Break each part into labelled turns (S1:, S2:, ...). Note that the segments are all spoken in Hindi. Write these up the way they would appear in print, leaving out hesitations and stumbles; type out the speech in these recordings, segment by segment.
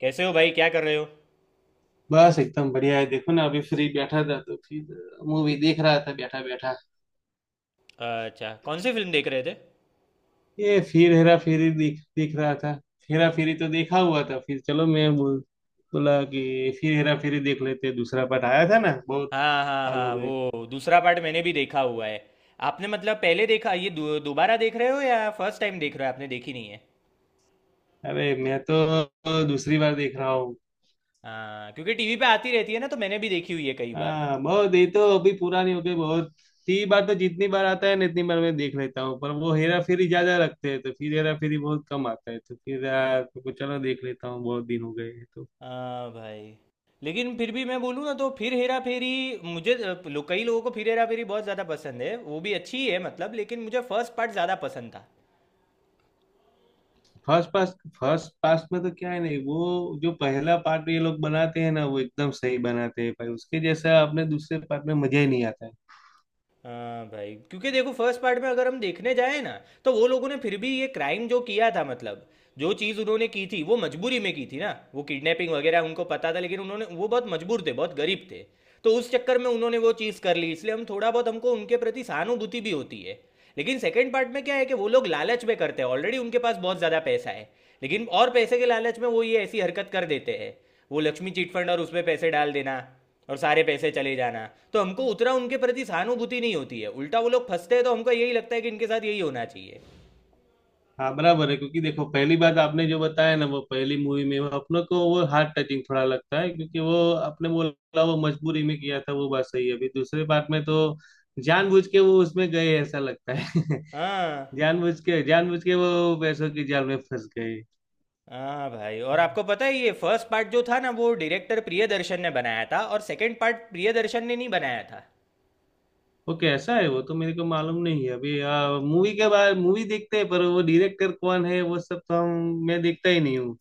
S1: कैसे हो भाई? क्या कर रहे हो?
S2: बस एकदम बढ़िया है। देखो ना, अभी फ्री बैठा था तो फिर मूवी देख रहा था, बैठा बैठा।
S1: अच्छा, कौन सी फिल्म देख रहे थे?
S2: ये फिर हेरा फेरी देख देख रहा था। हेरा फेरी तो देखा हुआ था, फिर चलो मैं बोला कि फिर हेरा फेरी देख लेते हैं। दूसरा पार्ट आया था ना, बहुत
S1: हाँ हाँ
S2: साल हो
S1: हाँ,
S2: गए।
S1: वो दूसरा पार्ट मैंने भी देखा हुआ है। आपने मतलब पहले देखा ये दोबारा देख रहे हो या फर्स्ट टाइम देख रहे हो? आपने देखी नहीं है?
S2: अरे मैं तो दूसरी बार देख रहा हूँ।
S1: हाँ, क्योंकि टीवी पे आती रहती है ना तो मैंने भी देखी हुई है कई बार।
S2: हाँ बहुत, ये तो अभी पूरा नहीं हो गई। बहुत 3 बार, तो जितनी बार आता है ना इतनी बार मैं देख लेता हूँ, पर वो हेरा फेरी ज्यादा रखते हैं, तो फिर हेरा फेरी बहुत कम आता है, तो फिर यार, तो चलो देख लेता हूँ, बहुत दिन हो गए हैं तो।
S1: हाँ भाई। लेकिन फिर भी मैं बोलूँ ना तो फिर हेरा फेरी। मुझे कई लोगों को फिर हेरा फेरी बहुत ज़्यादा पसंद है, वो भी अच्छी है मतलब, लेकिन मुझे फर्स्ट पार्ट ज़्यादा पसंद था।
S2: फर्स्ट पास फर्स्ट पास में तो क्या है, नहीं वो जो पहला पार्ट ये लोग बनाते हैं ना, वो एकदम सही बनाते हैं भाई। उसके जैसा आपने दूसरे पार्ट में मजा ही नहीं आता है।
S1: हाँ भाई, क्योंकि देखो फर्स्ट पार्ट में अगर हम देखने जाए ना, तो वो लोगों ने फिर भी ये क्राइम जो किया था मतलब, जो चीज़ उन्होंने की थी वो मजबूरी में की थी ना, वो किडनैपिंग वगैरह उनको पता था, लेकिन उन्होंने वो बहुत मजबूर थे, बहुत गरीब थे। तो उस चक्कर में उन्होंने वो चीज़ कर ली, इसलिए हम थोड़ा बहुत हमको उनके प्रति सहानुभूति भी होती है। लेकिन सेकंड पार्ट में क्या है कि वो लोग लालच में करते हैं, ऑलरेडी उनके पास बहुत ज़्यादा पैसा है। लेकिन और पैसे के लालच में वो ये ऐसी हरकत कर देते हैं, वो लक्ष्मी चिट फंड, और उसमें पैसे डाल देना, और सारे पैसे चले जाना। तो हमको उतना उनके प्रति सहानुभूति नहीं होती है, उल्टा वो लोग फंसते हैं तो हमको यही लगता है कि इनके साथ यही होना चाहिए।
S2: हाँ बराबर है, क्योंकि देखो पहली बात आपने जो बताया ना, वो पहली मूवी में वो अपनों को, वो हार्ट टचिंग थोड़ा लगता है क्योंकि वो आपने बोला वो मजबूरी में किया था, वो बात सही है। अभी दूसरे पार्ट में तो जानबूझ के वो उसमें गए ऐसा लगता है।
S1: हाँ
S2: जानबूझ के वो पैसों की जाल में फंस गए।
S1: हाँ भाई, और आपको पता है ये फर्स्ट पार्ट जो था ना वो डायरेक्टर प्रियदर्शन ने बनाया था, और सेकंड पार्ट प्रियदर्शन ने नहीं बनाया था।
S2: वो कैसा है, वो तो मेरे को मालूम नहीं है अभी। मूवी के बाद मूवी देखते हैं पर वो डायरेक्टर कौन है वो सब तो हम, मैं देखता ही नहीं हूँ।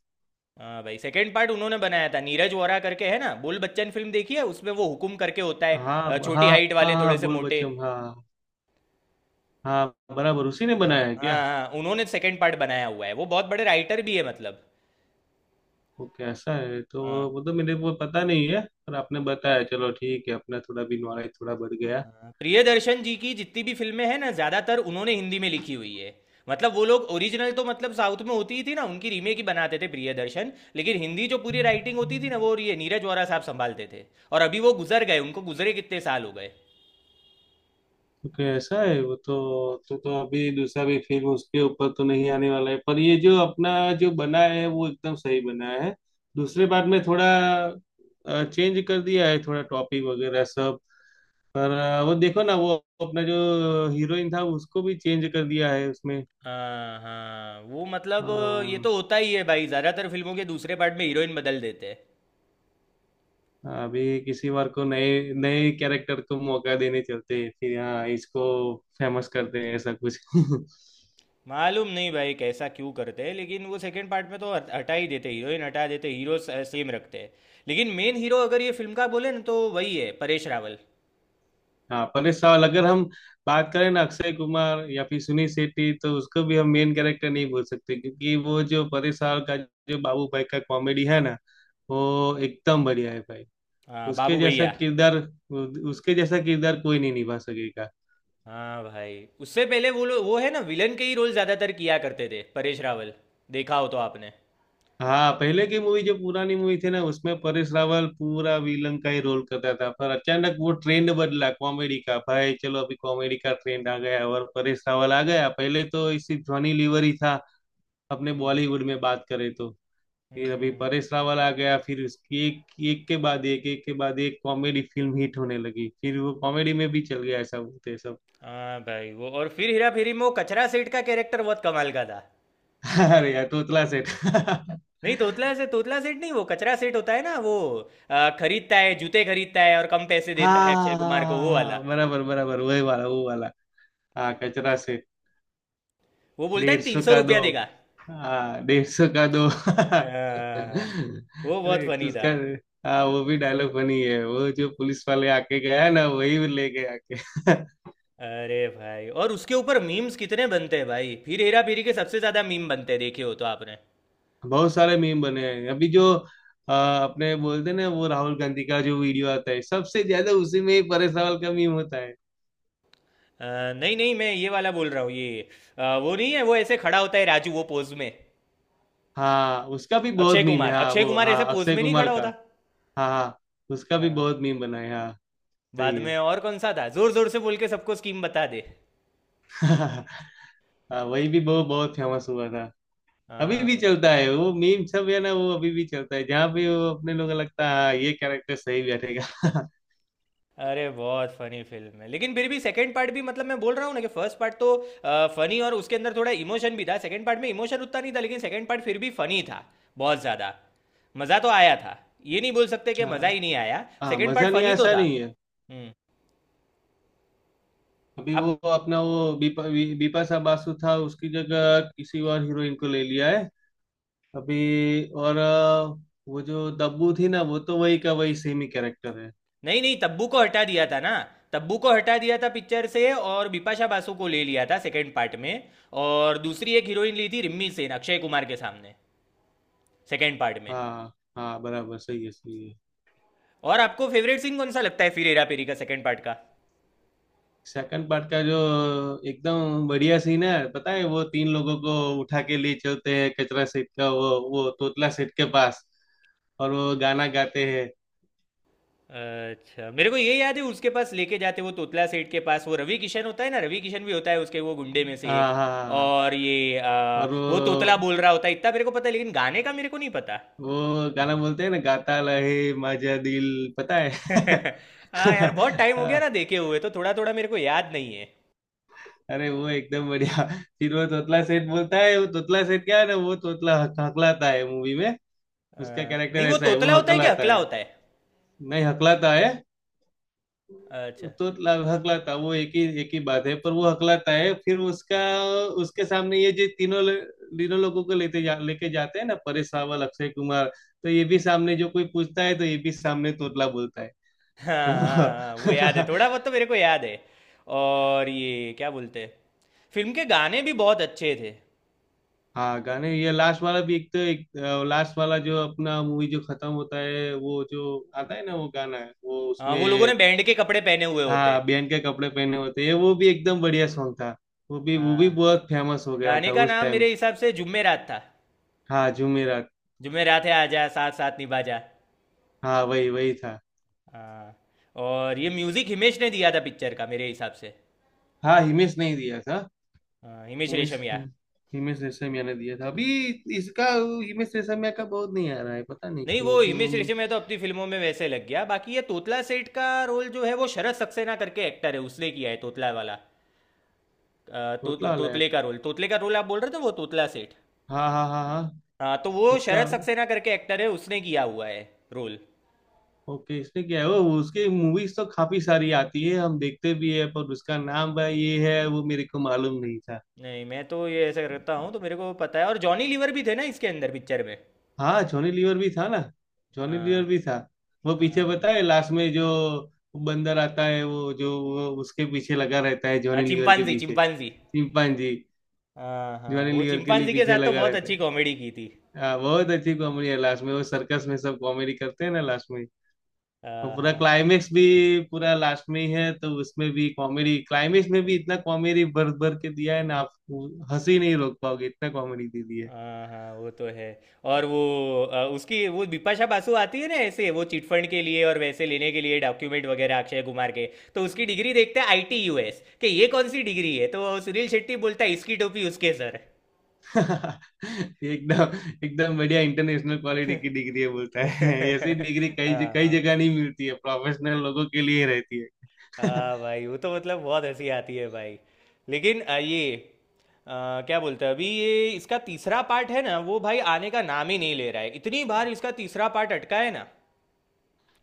S1: हाँ भाई, सेकंड पार्ट उन्होंने बनाया था, नीरज वोरा करके है ना। बोल बच्चन फिल्म देखी है? उसमें वो हुकुम करके होता है।
S2: हाँ
S1: छोटी
S2: हाँ।
S1: हाइट
S2: हाँ
S1: वाले, थोड़े
S2: हाँ,
S1: से
S2: बोल
S1: मोटे।
S2: बच्चन, हाँ। हाँ बराबर, उसी ने
S1: हाँ
S2: बनाया है
S1: हाँ
S2: क्या?
S1: हाँ, उन्होंने सेकंड पार्ट बनाया हुआ है, वो बहुत बड़े राइटर भी है मतलब।
S2: वो कैसा है तो,
S1: हाँ
S2: वो तो मेरे को पता नहीं है। पर आपने बताया, चलो ठीक है, अपना थोड़ा भी नॉलेज थोड़ा बढ़ गया।
S1: हाँ, प्रियदर्शन जी की जितनी भी फिल्में हैं ना, ज्यादातर उन्होंने हिंदी में लिखी हुई है। मतलब वो लोग ओरिजिनल तो मतलब साउथ में होती ही थी ना, उनकी रीमेक ही बनाते थे प्रियदर्शन, लेकिन हिंदी जो पूरी राइटिंग होती थी ना वो ये नीरज वोरा साहब संभालते थे। और अभी वो गुजर गए, उनको गुजरे कितने साल हो गए।
S2: ओके ऐसा है वो तो। तो अभी दूसरा भी फिल्म उसके ऊपर तो नहीं आने वाला है, पर ये जो अपना जो बना है वो एकदम सही बना है। दूसरे पार्ट में थोड़ा चेंज कर दिया है, थोड़ा टॉपिक वगैरह सब। पर वो देखो ना वो अपना जो हीरोइन था उसको भी चेंज कर दिया है उसमें।
S1: हाँ हाँ वो मतलब। ये
S2: हाँ।
S1: तो होता ही है भाई, ज्यादातर फिल्मों के दूसरे पार्ट में हीरोइन बदल देते हैं।
S2: अभी किसी बार को नए नए कैरेक्टर को मौका देने चलते हैं, फिर हाँ इसको फेमस करते हैं ऐसा कुछ।
S1: मालूम नहीं भाई कैसा क्यों करते हैं, लेकिन वो सेकंड पार्ट में तो हटा ही देते, हीरोइन हटा देते, हीरो सेम रखते हैं। लेकिन मेन हीरो अगर ये फिल्म का बोले ना तो वही है, परेश रावल।
S2: हाँ परेश रावल, अगर हम बात करें ना अक्षय कुमार या फिर सुनील शेट्टी, तो उसको भी हम मेन कैरेक्टर नहीं बोल सकते क्योंकि वो जो परेश रावल का जो बाबू भाई का कॉमेडी है ना, वो एकदम बढ़िया है भाई।
S1: हाँ
S2: उसके
S1: बाबू
S2: जैसा
S1: भैया।
S2: किरदार, उसके जैसा किरदार कोई नहीं निभा सकेगा।
S1: हाँ भाई। उससे पहले वो वो है ना विलन के ही रोल ज़्यादातर किया करते थे परेश रावल, देखा हो तो आपने।
S2: हाँ पहले की मूवी जो पुरानी मूवी थी ना, उसमें परेश रावल पूरा विलन का ही रोल करता था, पर अचानक वो ट्रेंड बदला, कॉमेडी का। भाई चलो, अभी कॉमेडी का ट्रेंड आ गया और परेश रावल आ गया। पहले तो इसी जॉनी लीवर ही था अपने बॉलीवुड में, बात करें तो। ये अभी
S1: हम्म।
S2: परेश रावल आ गया, फिर उसकी एक एक के बाद एक एक के बाद एक कॉमेडी फिल्म हिट होने लगी, फिर वो कॉमेडी में भी चल गया ऐसा बोलते हैं सब।
S1: हाँ भाई, वो और फिर हेरा फेरी में वो कचरा सेठ का कैरेक्टर बहुत कमाल का था।
S2: अरे यार, तोतला सेठ।
S1: नहीं, तोतला सेठ नहीं, वो कचरा सेठ होता है ना वो, खरीदता है, जूते खरीदता है और कम पैसे देता है अक्षय कुमार को, वो वाला।
S2: हाँ बराबर बराबर, वही वाला, वो वाला। हाँ कचरा सेठ।
S1: वो बोलता है
S2: डेढ़
S1: तीन
S2: सौ
S1: सौ
S2: का दो।
S1: रुपया देगा।
S2: हाँ 150 का दो।
S1: हाँ, वो बहुत
S2: अरे
S1: फनी था।
S2: उसका, हाँ वो भी डायलॉग बनी है, वो जो पुलिस वाले आके गया ना वही ले गया आके।
S1: अरे भाई, और उसके ऊपर मीम्स कितने बनते हैं भाई, फिर हेरा फेरी के सबसे ज्यादा मीम बनते हैं, देखे हो तो आपने?
S2: बहुत सारे मीम बने हैं अभी जो अपने बोलते हैं ना वो राहुल गांधी का जो वीडियो आता है सबसे ज्यादा, उसी में ही परे सवाल का मीम होता है।
S1: नहीं नहीं, मैं ये वाला बोल रहा हूँ ये, वो नहीं है, वो ऐसे खड़ा होता है राजू वो पोज में।
S2: हाँ उसका भी बहुत
S1: अक्षय
S2: मीम है,
S1: कुमार,
S2: हाँ
S1: अक्षय
S2: वो
S1: कुमार ऐसे
S2: हाँ
S1: पोज
S2: अक्षय
S1: में नहीं
S2: कुमार
S1: खड़ा
S2: का।
S1: होता।
S2: हाँ हाँ, उसका भी
S1: हाँ,
S2: बहुत मीम बना है हाँ।
S1: बाद
S2: सही है।
S1: में और कौन सा था, जोर जोर से बोल के सबको स्कीम बता दे।
S2: हाँ, वही भी बहुत बहुत फेमस हुआ था। अभी भी
S1: हाँ।
S2: चलता है वो मीम सब है ना, वो अभी भी चलता है जहाँ भी वो अपने लोग लगता है हाँ ये कैरेक्टर सही बैठेगा।
S1: अरे बहुत फनी फिल्म है, लेकिन फिर भी सेकंड पार्ट भी, मतलब मैं बोल रहा हूँ ना कि फर्स्ट पार्ट तो फनी और उसके अंदर थोड़ा इमोशन भी था, सेकंड पार्ट में इमोशन उतना नहीं था, लेकिन सेकंड पार्ट फिर भी फनी था, बहुत ज़्यादा। मज़ा तो आया था, ये नहीं बोल सकते कि मज़ा
S2: हाँ,
S1: ही नहीं आया,
S2: हाँ
S1: सेकंड पार्ट
S2: मजा नहीं
S1: फनी तो
S2: ऐसा
S1: था।
S2: नहीं है।
S1: हम्म।
S2: अभी
S1: अब,
S2: वो अपना वो बीपा बीपा सा बासु था उसकी जगह किसी और हीरोइन को ले लिया है। अभी और वो जो दब्बू थी ना, वो तो वही का वही सेम ही कैरेक्टर है।
S1: नहीं नहीं, तब्बू को हटा दिया था ना। तब्बू को हटा दिया था पिक्चर से और बिपाशा बासु को ले लिया था सेकंड पार्ट में। और दूसरी एक हीरोइन ली थी रिम्मी सेन अक्षय कुमार के सामने, सेकंड पार्ट में।
S2: हाँ। हाँ बराबर, सही है सही है।
S1: और आपको फेवरेट सीन कौन सा लगता है फिर हेरा फेरी का सेकंड पार्ट का?
S2: सेकंड पार्ट का जो एकदम बढ़िया सीन है पता है, वो तीन लोगों को उठा के ले चलते हैं कचरा सेठ का, वो तोतला सेठ के पास, और वो गाना गाते हैं।
S1: अच्छा, मेरे को ये याद है, उसके पास लेके जाते वो तोतला सेठ के पास, वो रवि किशन होता है ना, रवि किशन भी होता है उसके वो गुंडे में
S2: हाँ
S1: से
S2: हाँ
S1: एक।
S2: हाँ हाँ।
S1: और ये
S2: और
S1: वो तोतला
S2: वो
S1: बोल रहा होता है इतना मेरे को पता है, लेकिन गाने का मेरे को नहीं पता।
S2: वो गाना बोलते हैं ना गाता रहे माझा दिल, पता है।
S1: हाँ यार, बहुत टाइम हो गया ना देखे हुए, तो थोड़ा थोड़ा मेरे को याद नहीं है।
S2: अरे वो एकदम बढ़िया। फिर वो तोतला सेठ बोलता है, वो तोतला सेठ क्या है ना वो तोतला हकलाता है मूवी में।
S1: आ,
S2: उसका
S1: नहीं,
S2: कैरेक्टर
S1: वो
S2: ऐसा है,
S1: तोतला
S2: वो
S1: होता है क्या,
S2: हकलाता
S1: हकला
S2: है।
S1: होता है?
S2: नहीं हकलाता है।
S1: अच्छा।
S2: तोतला हकलाता वो एक ही बात है, पर वो हकलाता है। फिर उसका उसके सामने ये जो तीनों लोगों को लेके जाते हैं ना परेश रावल अक्षय कुमार, तो ये भी सामने जो कोई पूछता है तो ये भी सामने तोतला बोलता है।
S1: हाँ हाँ हाँ, वो याद है,
S2: तो
S1: थोड़ा बहुत तो मेरे को याद है। और ये क्या बोलते हैं, फिल्म के गाने भी बहुत अच्छे थे।
S2: हाँ गाने, ये लास्ट वाला भी एक, तो एक लास्ट वाला जो अपना मूवी जो खत्म होता है वो जो आता है ना वो गाना है वो
S1: हाँ,
S2: उसमें।
S1: वो लोगों ने बैंड के कपड़े पहने हुए होते हैं।
S2: हाँ बहन के कपड़े पहने होते हैं, वो भी एकदम बढ़िया सॉन्ग था। वो भी
S1: हाँ।
S2: बहुत फेमस हो गया
S1: गाने
S2: था
S1: का
S2: उस
S1: नाम
S2: टाइम।
S1: मेरे हिसाब से जुम्मे रात था।
S2: हाँ जुमेरात।
S1: जुम्मे रात है, आजा साथ साथ निभा जा।
S2: हाँ वही वही था।
S1: हाँ। और ये म्यूजिक हिमेश ने दिया था पिक्चर का मेरे हिसाब से।
S2: हाँ हिमेश नहीं दिया था।
S1: हाँ, हिमेश
S2: हिमेश
S1: रेशमिया।
S2: हिमेश रेशमिया ने दिया था अभी इसका। हिमेश रेशमिया का बहुत नहीं आ रहा है पता नहीं
S1: नहीं, वो
S2: क्यों अभी वो।
S1: हिमेश रेशमिया तो अपनी फिल्मों में वैसे लग गया, बाकी ये तोतला सेठ का रोल जो है वो शरद सक्सेना करके एक्टर है, उसने किया है तोतला वाला।
S2: थोतला वाला है।
S1: तोतले का रोल, तोतले का रोल आप बोल रहे थे, वो तोतला सेठ।
S2: हाँ हाँ हाँ हाँ।
S1: हाँ तो वो
S2: उसका।
S1: शरद सक्सेना करके एक्टर है, उसने किया हुआ है रोल।
S2: ओके इसने क्या है, वो उसकी मूवीज तो काफी सारी आती है हम देखते भी है, पर उसका नाम भाई ये है वो मेरे को मालूम नहीं था।
S1: नहीं, मैं तो ये ऐसा करता हूँ तो मेरे को पता है। और जॉनी लीवर भी थे ना इसके अंदर पिक्चर में।
S2: हाँ जॉनी लीवर भी था ना, जॉनी लीवर
S1: हाँ।
S2: भी था। वो पीछे
S1: हाँ
S2: पता है, लास्ट में जो बंदर आता है वो, जो वो उसके पीछे लगा रहता है
S1: हाँ,
S2: जॉनी लीवर के
S1: चिंपांजी
S2: पीछे।
S1: चिंपांजी।
S2: चिंपांजी।
S1: हाँ हाँ,
S2: जॉनी
S1: वो
S2: लीवर के लिए
S1: चिंपांजी के
S2: पीछे
S1: साथ तो
S2: लगा
S1: बहुत
S2: रहता है।
S1: अच्छी कॉमेडी की थी।
S2: हाँ बहुत अच्छी कॉमेडी है लास्ट में, वो सर्कस में सब कॉमेडी करते हैं ना लास्ट में। और
S1: हाँ
S2: पूरा
S1: हाँ
S2: क्लाइमेक्स भी पूरा लास्ट में ही है, तो उसमें भी कॉमेडी, क्लाइमेक्स में भी इतना कॉमेडी भर भर के दिया है ना, आप हंसी नहीं रोक पाओगे, इतना कॉमेडी दे दी है।
S1: हाँ हाँ, वो तो है। और वो उसकी वो बिपाशा बासु आती है ना, ऐसे वो चिटफंड के लिए और वैसे लेने के लिए डॉक्यूमेंट वगैरह अक्षय कुमार के। तो उसकी डिग्री देखते हैं, आईटी यूएस, कि ये कौन सी डिग्री है, तो सुनील शेट्टी बोलता है इसकी टोपी उसके सर।
S2: एकदम एकदम बढ़िया इंटरनेशनल क्वालिटी की डिग्री है बोलता है। ऐसी डिग्री कई कई
S1: हाँ।
S2: जगह नहीं मिलती है, प्रोफेशनल लोगों के लिए ही रहती है।
S1: हाँ भाई, वो तो मतलब बहुत हंसी आती है भाई। लेकिन ये क्या बोलते हैं, अभी ये इसका तीसरा पार्ट है ना वो भाई आने का नाम ही नहीं ले रहा है, इतनी बार इसका तीसरा पार्ट अटका है ना।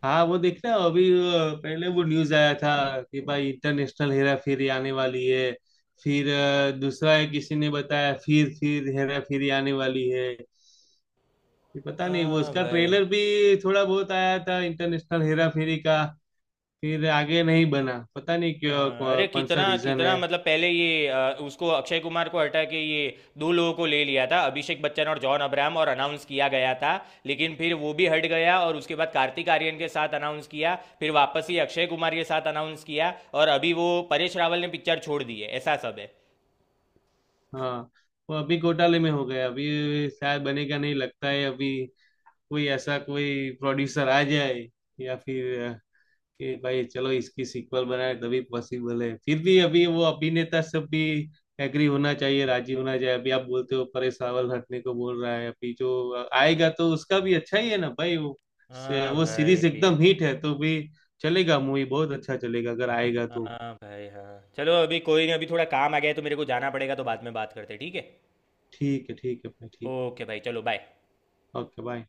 S2: हाँ वो देखना, अभी पहले वो न्यूज आया था कि भाई इंटरनेशनल हेरा फेरी आने वाली है। फिर दूसरा है किसी ने बताया, फिर हेरा फेरी आने वाली है। ये पता नहीं, वो
S1: हाँ
S2: उसका
S1: भाई।
S2: ट्रेलर भी थोड़ा बहुत आया था इंटरनेशनल हेरा फेरी का। फिर आगे नहीं बना, पता नहीं
S1: अ,
S2: क्यों,
S1: अरे
S2: कौन सा
S1: कितना
S2: रीजन है।
S1: कितना मतलब, पहले ये उसको अक्षय कुमार को हटा के ये दो लोगों को ले लिया था, अभिषेक बच्चन और जॉन अब्राहम, और अनाउंस किया गया था। लेकिन फिर वो भी हट गया और उसके बाद कार्तिक आर्यन के साथ अनाउंस किया। फिर वापस ही अक्षय कुमार के साथ अनाउंस किया, और अभी वो परेश रावल ने पिक्चर छोड़ दी है, ऐसा सब है।
S2: हाँ वो अभी घोटाले में हो गया, अभी शायद बनेगा नहीं लगता है अभी। कोई ऐसा कोई प्रोड्यूसर आ जाए, या फिर कि भाई चलो इसकी सीक्वल बनाए तभी पॉसिबल है। फिर भी अभी वो अभिनेता सब भी एग्री होना चाहिए, राजी होना चाहिए। अभी आप बोलते हो परेश रावल हटने को बोल रहा है अभी, जो आएगा तो उसका भी अच्छा ही है ना भाई, वो
S1: हाँ
S2: वो
S1: भाई
S2: सीरीज
S1: भी।
S2: एकदम हिट है तो भी चलेगा। मूवी बहुत अच्छा चलेगा अगर आएगा तो।
S1: हाँ भाई, हाँ चलो अभी कोई नहीं, अभी थोड़ा काम आ गया है तो मेरे को जाना पड़ेगा, तो बाद में बात करते हैं, ठीक है?
S2: ठीक है भाई ठीक।
S1: ओके भाई, चलो बाय।
S2: Okay bye.